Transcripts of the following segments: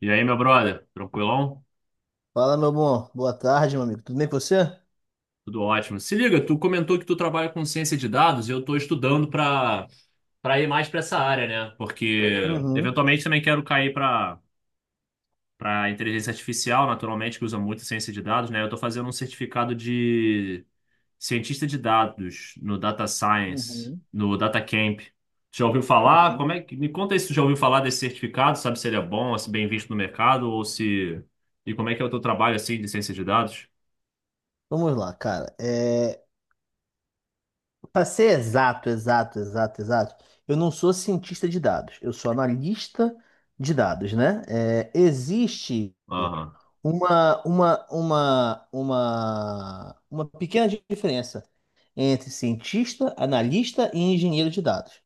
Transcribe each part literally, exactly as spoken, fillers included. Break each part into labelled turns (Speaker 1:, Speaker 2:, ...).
Speaker 1: E aí, meu brother? Tranquilão?
Speaker 2: Fala, meu bom. Boa tarde, meu amigo. Tudo bem com você?
Speaker 1: Tudo ótimo. Se liga, tu comentou que tu trabalha com ciência de dados e eu estou estudando para para ir mais para essa área, né? Porque
Speaker 2: Uhum,
Speaker 1: eventualmente também quero cair para para inteligência artificial, naturalmente, que usa muito ciência de dados, né? Eu estou fazendo um certificado de cientista de dados no Data Science,
Speaker 2: uhum,
Speaker 1: no Data Camp. Já ouviu falar?
Speaker 2: uhum.
Speaker 1: Como é que me conta aí se tu já ouviu falar desse certificado? Sabe se ele é bom, se bem visto no mercado ou se e como é que é o teu trabalho assim de ciência de dados?
Speaker 2: Vamos lá, cara. É... Para ser exato, exato, exato, exato, eu não sou cientista de dados. Eu sou analista de dados, né? É, existe uma, uma, uma, uma, uma pequena diferença entre cientista, analista e engenheiro de dados.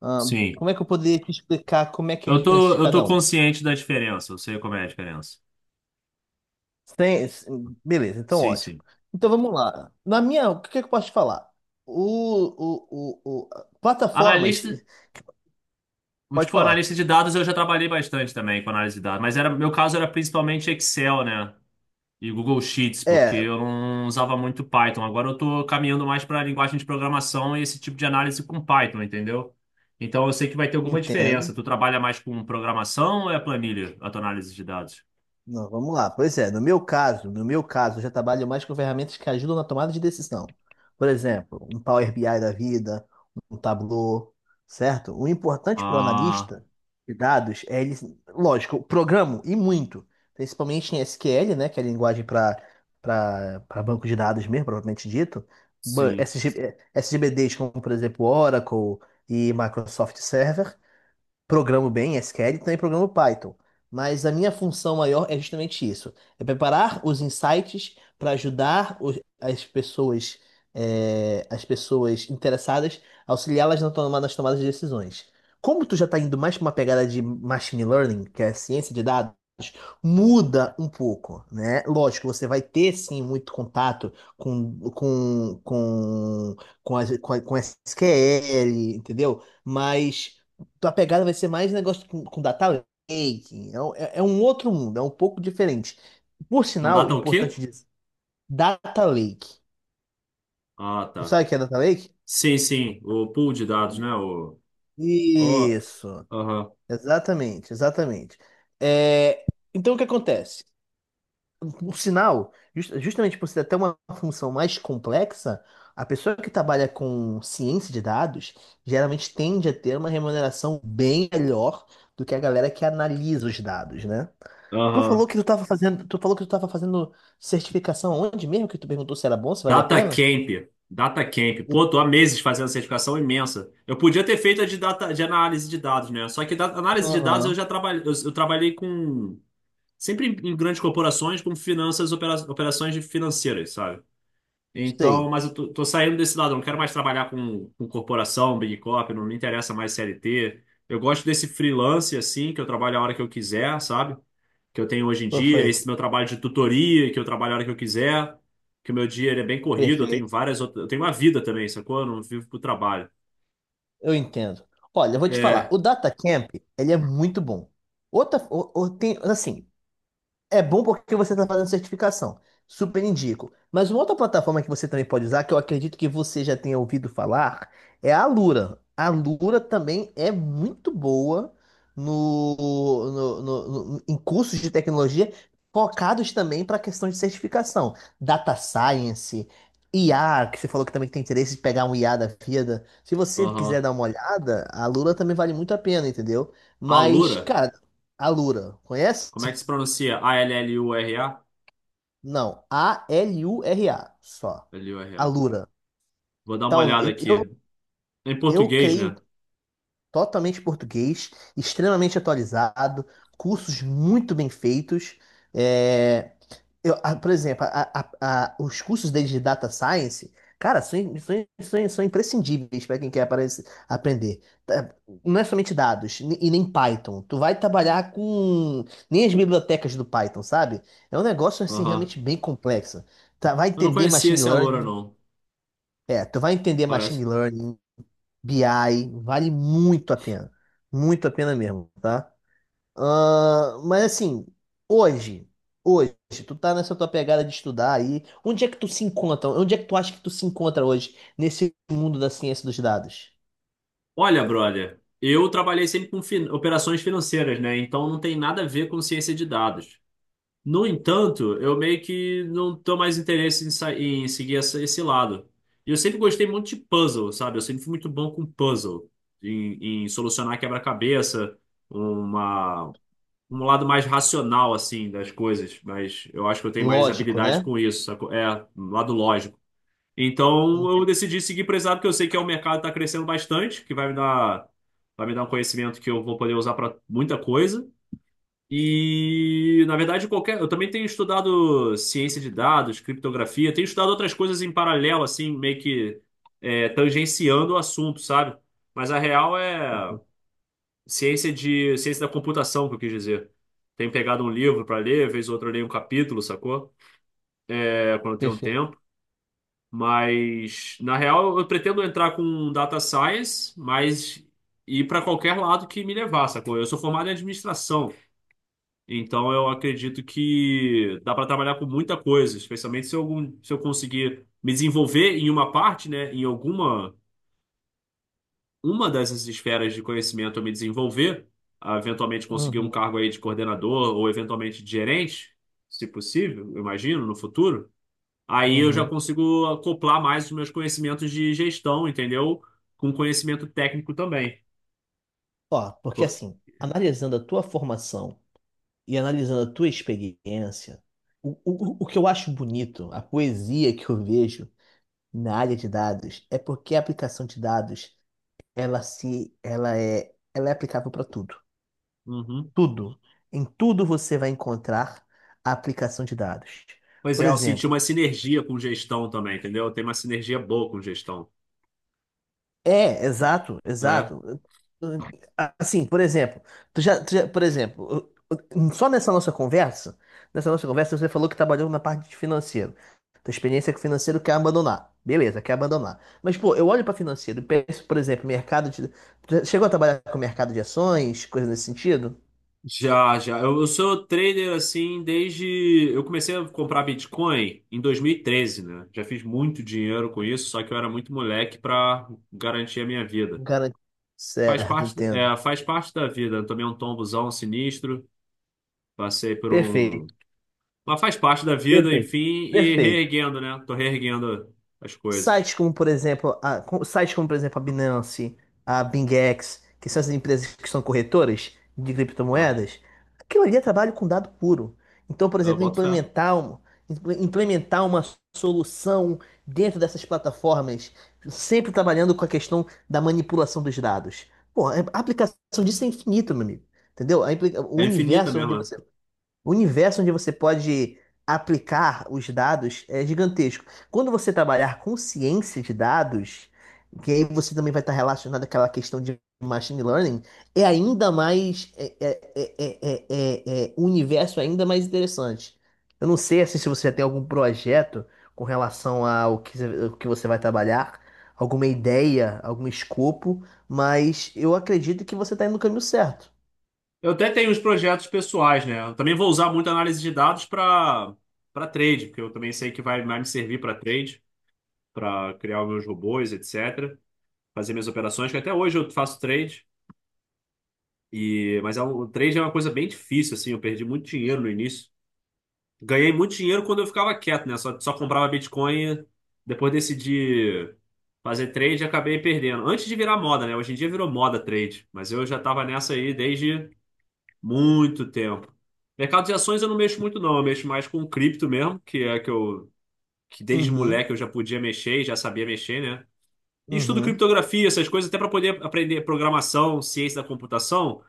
Speaker 2: Ah,
Speaker 1: Sim.
Speaker 2: como é que eu poderia te explicar como é que é a
Speaker 1: Eu
Speaker 2: diferença
Speaker 1: tô,
Speaker 2: de
Speaker 1: eu tô
Speaker 2: cada um?
Speaker 1: consciente da diferença, eu sei como é a diferença.
Speaker 2: Sem, sem- beleza, então
Speaker 1: Sim,
Speaker 2: ótimo.
Speaker 1: sim.
Speaker 2: Então vamos lá. Na minha, o que é que eu posso te falar? O, o, o, o- Plataformas,
Speaker 1: Analista,
Speaker 2: pode
Speaker 1: tipo,
Speaker 2: falar.
Speaker 1: analista de dados eu já trabalhei bastante também com análise de dados, mas era, meu caso era principalmente Excel, né? E Google Sheets, porque
Speaker 2: É,
Speaker 1: eu não usava muito Python. Agora eu tô caminhando mais para linguagem de programação e esse tipo de análise com Python, entendeu? Então eu sei que vai ter alguma diferença.
Speaker 2: Nintendo.
Speaker 1: Tu trabalha mais com programação ou é planilha, a tua análise de dados?
Speaker 2: Não, vamos lá. Pois é, no meu caso, no meu caso, eu já trabalho mais com ferramentas que ajudam na tomada de decisão. Por exemplo, um Power B I da vida, um Tableau, certo? O importante para o
Speaker 1: Ah,
Speaker 2: analista de dados é ele, lógico, programa e muito, principalmente em S Q L, né, que é a linguagem para para banco de dados mesmo, propriamente dito.
Speaker 1: sim.
Speaker 2: Ba- S G, eh, S G B Ds como, por exemplo, Oracle e Microsoft Server, programo bem S Q L e também programo Python. Mas a minha função maior é justamente isso: é preparar os insights para ajudar os- as pessoas, é, as pessoas interessadas, auxiliá-las na toma- nas tomadas de decisões. Como tu já está indo mais para uma pegada de machine learning, que é ciência de dados, muda um pouco, né? Lógico, você vai ter sim muito contato com com com com, as- com, a- com S Q L, entendeu? Mas tua pegada vai ser mais negócio com, com data lake. É, um- é- é um outro mundo, é um pouco diferente. Por
Speaker 1: Com
Speaker 2: sinal, é
Speaker 1: data o quê?
Speaker 2: importante dizer, data lake.
Speaker 1: Ah,
Speaker 2: Tu
Speaker 1: tá.
Speaker 2: sabe o que é data lake?
Speaker 1: Sim, sim, o pool de dados, né? O, o,
Speaker 2: Isso,
Speaker 1: aham,
Speaker 2: exatamente, exatamente. É, então o que acontece? Por sinal, jus- justamente por ser até uma função mais complexa, a pessoa que trabalha com ciência de dados geralmente tende a ter uma remuneração bem melhor do que a galera que analisa os dados, né? Tu falou
Speaker 1: aham.
Speaker 2: que tu tava fazendo, tu falou que tu tava fazendo certificação onde mesmo? Que tu perguntou se era bom, se valia a
Speaker 1: Data
Speaker 2: pena?
Speaker 1: Camp, Data Camp.
Speaker 2: O-
Speaker 1: Pô, tô há meses fazendo certificação imensa. Eu podia ter feito a de, data, de análise de dados, né? Só que da, análise de dados eu
Speaker 2: Aham,
Speaker 1: já trabalhei, eu, eu trabalhei com, sempre em, em grandes corporações, com finanças, opera, operações de financeiras, sabe? Então,
Speaker 2: sei.
Speaker 1: mas eu tô, tô saindo desse lado, eu não quero mais trabalhar com, com corporação, Big Corp, não me interessa mais C L T. Eu gosto desse freelance, assim, que eu trabalho a hora que eu quiser, sabe? Que eu tenho hoje em dia,
Speaker 2: Perfeito,
Speaker 1: esse meu trabalho de tutoria, que eu trabalho a hora que eu quiser, que o meu dia ele é bem corrido, eu tenho
Speaker 2: perfeito.
Speaker 1: várias outras, eu tenho uma vida também, sacou? Eu não vivo pro trabalho.
Speaker 2: Eu entendo. Olha, eu vou te falar,
Speaker 1: É,
Speaker 2: o Datacamp, ele é muito bom. Outra, o, o- tem, assim. É bom porque você está fazendo certificação. Super indico. Mas uma outra plataforma que você também pode usar, que eu acredito que você já tenha ouvido falar, é a Alura. A Alura também é muito boa no, no- no- no- em cursos de tecnologia focados também para a questão de certificação. Data Science, I A, que você falou que também tem interesse de pegar um I A da vida. Se você quiser
Speaker 1: aham.
Speaker 2: dar uma olhada, a Alura também vale muito a pena, entendeu? Mas,
Speaker 1: Alura,
Speaker 2: cara, a Alura, conhece?
Speaker 1: como é que se pronuncia? A L L U R A?
Speaker 2: Não, A L U R A, só.
Speaker 1: L U R A.
Speaker 2: Alura.
Speaker 1: Vou dar uma
Speaker 2: Tal,
Speaker 1: olhada
Speaker 2: eu,
Speaker 1: aqui.
Speaker 2: eu
Speaker 1: É em
Speaker 2: eu
Speaker 1: português,
Speaker 2: creio
Speaker 1: né?
Speaker 2: totalmente português, extremamente atualizado, cursos muito bem feitos. É, eu, ah, por exemplo, a- a- a- os cursos deles de Data Science, cara, são, im- são, im- são, im- são imprescindíveis para quem quer aparece- aprender. Tá, não é somente dados, ne- e nem Python. Tu vai trabalhar com nem as bibliotecas do Python, sabe? É um negócio assim
Speaker 1: Aham.
Speaker 2: realmente bem complexo. Tá, vai
Speaker 1: Eu não
Speaker 2: entender
Speaker 1: conhecia
Speaker 2: machine
Speaker 1: esse Alura,
Speaker 2: learning.
Speaker 1: não.
Speaker 2: É, tu vai entender machine
Speaker 1: Parece.
Speaker 2: learning, B I, vale muito a pena. Muito a pena mesmo, tá? Ah, mas assim, hoje, hoje, tu tá nessa tua pegada de estudar aí. Onde é que tu se encontra? Onde é que tu acha que tu se encontra hoje nesse mundo da ciência dos dados?
Speaker 1: Olha, brother, eu trabalhei sempre com fin- operações financeiras, né? Então não tem nada a ver com ciência de dados. No entanto, eu meio que não tô mais interesse em, sa- em seguir essa- esse lado. E eu sempre gostei muito de puzzle, sabe? Eu sempre fui muito bom com puzzle, em, em solucionar quebra-cabeça, uma, um lado mais racional, assim, das coisas. Mas eu acho que eu tenho mais
Speaker 2: Lógico,
Speaker 1: habilidade
Speaker 2: né?
Speaker 1: com isso, sacou? É, um lado lógico. Então eu
Speaker 2: Uhum,
Speaker 1: decidi seguir por esse lado, porque eu sei que é um mercado que tá crescendo bastante, que vai me dar, vai me dar um conhecimento que eu vou poder usar para muita coisa. E, na verdade, qualquer. Eu também tenho estudado ciência de dados, criptografia, tenho estudado outras coisas em paralelo, assim, meio que é, tangenciando o assunto, sabe? Mas a real é ciência de ciência da computação, que eu quis dizer. Tenho pegado um livro para ler, vez ou outra eu leio um capítulo, sacou? É, quando eu tenho um
Speaker 2: perfeito.
Speaker 1: tempo. Mas, na real, eu pretendo entrar com data science, mas ir para qualquer lado que me levar, sacou? Eu sou formado em administração. Então eu acredito que dá para trabalhar com muita coisa, especialmente se eu, se eu conseguir me desenvolver em uma parte, né, em alguma uma dessas esferas de conhecimento eu me desenvolver, ah, eventualmente conseguir um
Speaker 2: Uhum,
Speaker 1: cargo aí de coordenador ou eventualmente de gerente, se possível, eu imagino, no futuro. Aí eu já
Speaker 2: uhum.
Speaker 1: consigo acoplar mais os meus conhecimentos de gestão, entendeu? Com conhecimento técnico também.
Speaker 2: Ó, porque
Speaker 1: Por-
Speaker 2: assim, analisando a tua formação e analisando a tua experiência, o, o, o que eu acho bonito, a poesia que eu vejo na área de dados é porque a aplicação de dados ela se ela é ela é aplicável para tudo.
Speaker 1: Uhum.
Speaker 2: Tudo. Em tudo você vai encontrar a aplicação de dados.
Speaker 1: Pois
Speaker 2: Por
Speaker 1: é, eu senti
Speaker 2: exemplo.
Speaker 1: uma sinergia com gestão também, entendeu? Tem uma sinergia boa com gestão.
Speaker 2: É, exato,
Speaker 1: É.
Speaker 2: exato. Assim, por exemplo, tu já, tu já- por exemplo, só nessa nossa conversa, nessa nossa conversa você falou que trabalhou na parte de financeiro. Tua experiência com financeiro quer abandonar. Beleza, quer abandonar. Mas, pô, eu olho para financeiro e penso, por exemplo, mercado de... tu já chegou a trabalhar com mercado de ações, coisa nesse sentido?
Speaker 1: Já, já. Eu, eu sou trader assim desde. Eu comecei a comprar Bitcoin em dois mil e treze, né? Já fiz muito dinheiro com isso, só que eu era muito moleque para garantir a minha vida.
Speaker 2: Garanto.
Speaker 1: Faz
Speaker 2: Certo,
Speaker 1: parte,
Speaker 2: entendo.
Speaker 1: da- é, faz parte da vida. Eu tomei um tombozão sinistro, passei por um.
Speaker 2: Perfeito,
Speaker 1: Mas faz parte da vida,
Speaker 2: perfeito,
Speaker 1: enfim, e
Speaker 2: perfeito.
Speaker 1: reerguendo, né? Tô reerguendo as coisas.
Speaker 2: Sites como, por exemplo, a, com- sites como, por exemplo, a Binance, a BingEx, que são essas empresas que são corretoras de
Speaker 1: Aham.
Speaker 2: criptomoedas, aquilo ali é trabalho com dado puro. Então, por
Speaker 1: Eu
Speaker 2: exemplo,
Speaker 1: boto fé.
Speaker 2: implementar, um- imple- implementar uma solução dentro dessas plataformas, sempre trabalhando com a questão da manipulação dos dados. Pô, é, a aplicação disso é infinito, meu amigo. Entendeu? A implica- o
Speaker 1: É infinita
Speaker 2: universo é onde
Speaker 1: mesmo, né?
Speaker 2: você O universo onde você pode aplicar os dados é gigantesco. Quando você trabalhar com ciência de dados, que aí você também vai estar relacionado àquela questão de machine learning, é ainda mais é, é, é, é, é, é, um universo é ainda mais interessante. Eu não sei assim, se você já tem algum projeto com relação ao que, você- o que você vai trabalhar, alguma ideia, algum escopo, mas eu acredito que você está indo no caminho certo.
Speaker 1: Eu até tenho uns projetos pessoais, né? Eu também vou usar muito análise de dados para para trade, porque eu também sei que vai mais me servir para trade, para criar os meus robôs, et cetera. Fazer minhas operações, que até hoje eu faço trade. E mas é um- o trade é uma coisa bem difícil, assim. Eu perdi muito dinheiro no início. Ganhei muito dinheiro quando eu ficava quieto, né? Só, só comprava Bitcoin. Depois decidi fazer trade e acabei perdendo. Antes de virar moda, né? Hoje em dia virou moda trade, mas eu já estava nessa aí desde muito tempo. Mercado de ações eu não mexo muito, não. Eu mexo mais com cripto mesmo, que é que eu que desde
Speaker 2: Uhum,
Speaker 1: moleque eu já podia mexer, e já sabia mexer, né? E estudo
Speaker 2: uhum.
Speaker 1: criptografia, essas coisas, até para poder aprender programação, ciência da computação,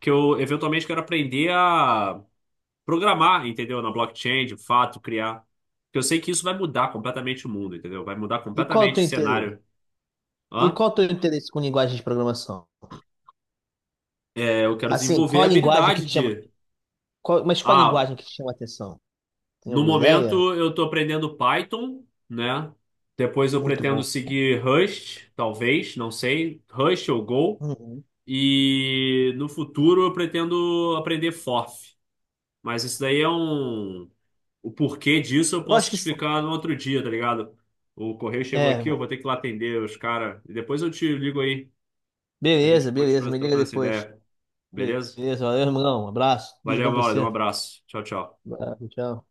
Speaker 1: que eu eventualmente quero aprender a programar, entendeu? Na blockchain, de fato, criar. Porque eu sei que isso vai mudar completamente o mundo, entendeu? Vai mudar
Speaker 2: E qual é o
Speaker 1: completamente o
Speaker 2: teu interesse?
Speaker 1: cenário.
Speaker 2: E
Speaker 1: Hã?
Speaker 2: qual o teu interesse com linguagem de programação?
Speaker 1: É, eu quero
Speaker 2: Assim,
Speaker 1: desenvolver
Speaker 2: qual
Speaker 1: a
Speaker 2: a linguagem que
Speaker 1: habilidade
Speaker 2: te chama?
Speaker 1: de.
Speaker 2: Qual- mas qual a
Speaker 1: Ah,
Speaker 2: linguagem que te chama a atenção? Tem
Speaker 1: no
Speaker 2: alguma ideia?
Speaker 1: momento, eu estou aprendendo Python, né? Depois eu
Speaker 2: Muito
Speaker 1: pretendo
Speaker 2: bom.
Speaker 1: seguir Rust, talvez, não sei, Rust ou Go.
Speaker 2: Uhum.
Speaker 1: E no futuro eu pretendo aprender Forth. Mas isso daí é um. O porquê disso eu
Speaker 2: Eu
Speaker 1: posso
Speaker 2: acho
Speaker 1: te
Speaker 2: que sim.
Speaker 1: explicar no outro dia, tá ligado? O correio chegou
Speaker 2: É,
Speaker 1: aqui, eu vou ter que ir lá atender os caras. E depois eu te ligo aí. A gente
Speaker 2: beleza, beleza.
Speaker 1: continua
Speaker 2: Me liga
Speaker 1: trocando essa
Speaker 2: depois.
Speaker 1: ideia, beleza?
Speaker 2: Beleza, valeu, irmão. Um abraço. Tudo de
Speaker 1: Valeu,
Speaker 2: bom pra
Speaker 1: Mauro. Um
Speaker 2: você.
Speaker 1: abraço. Tchau, tchau.
Speaker 2: Abraço, tchau.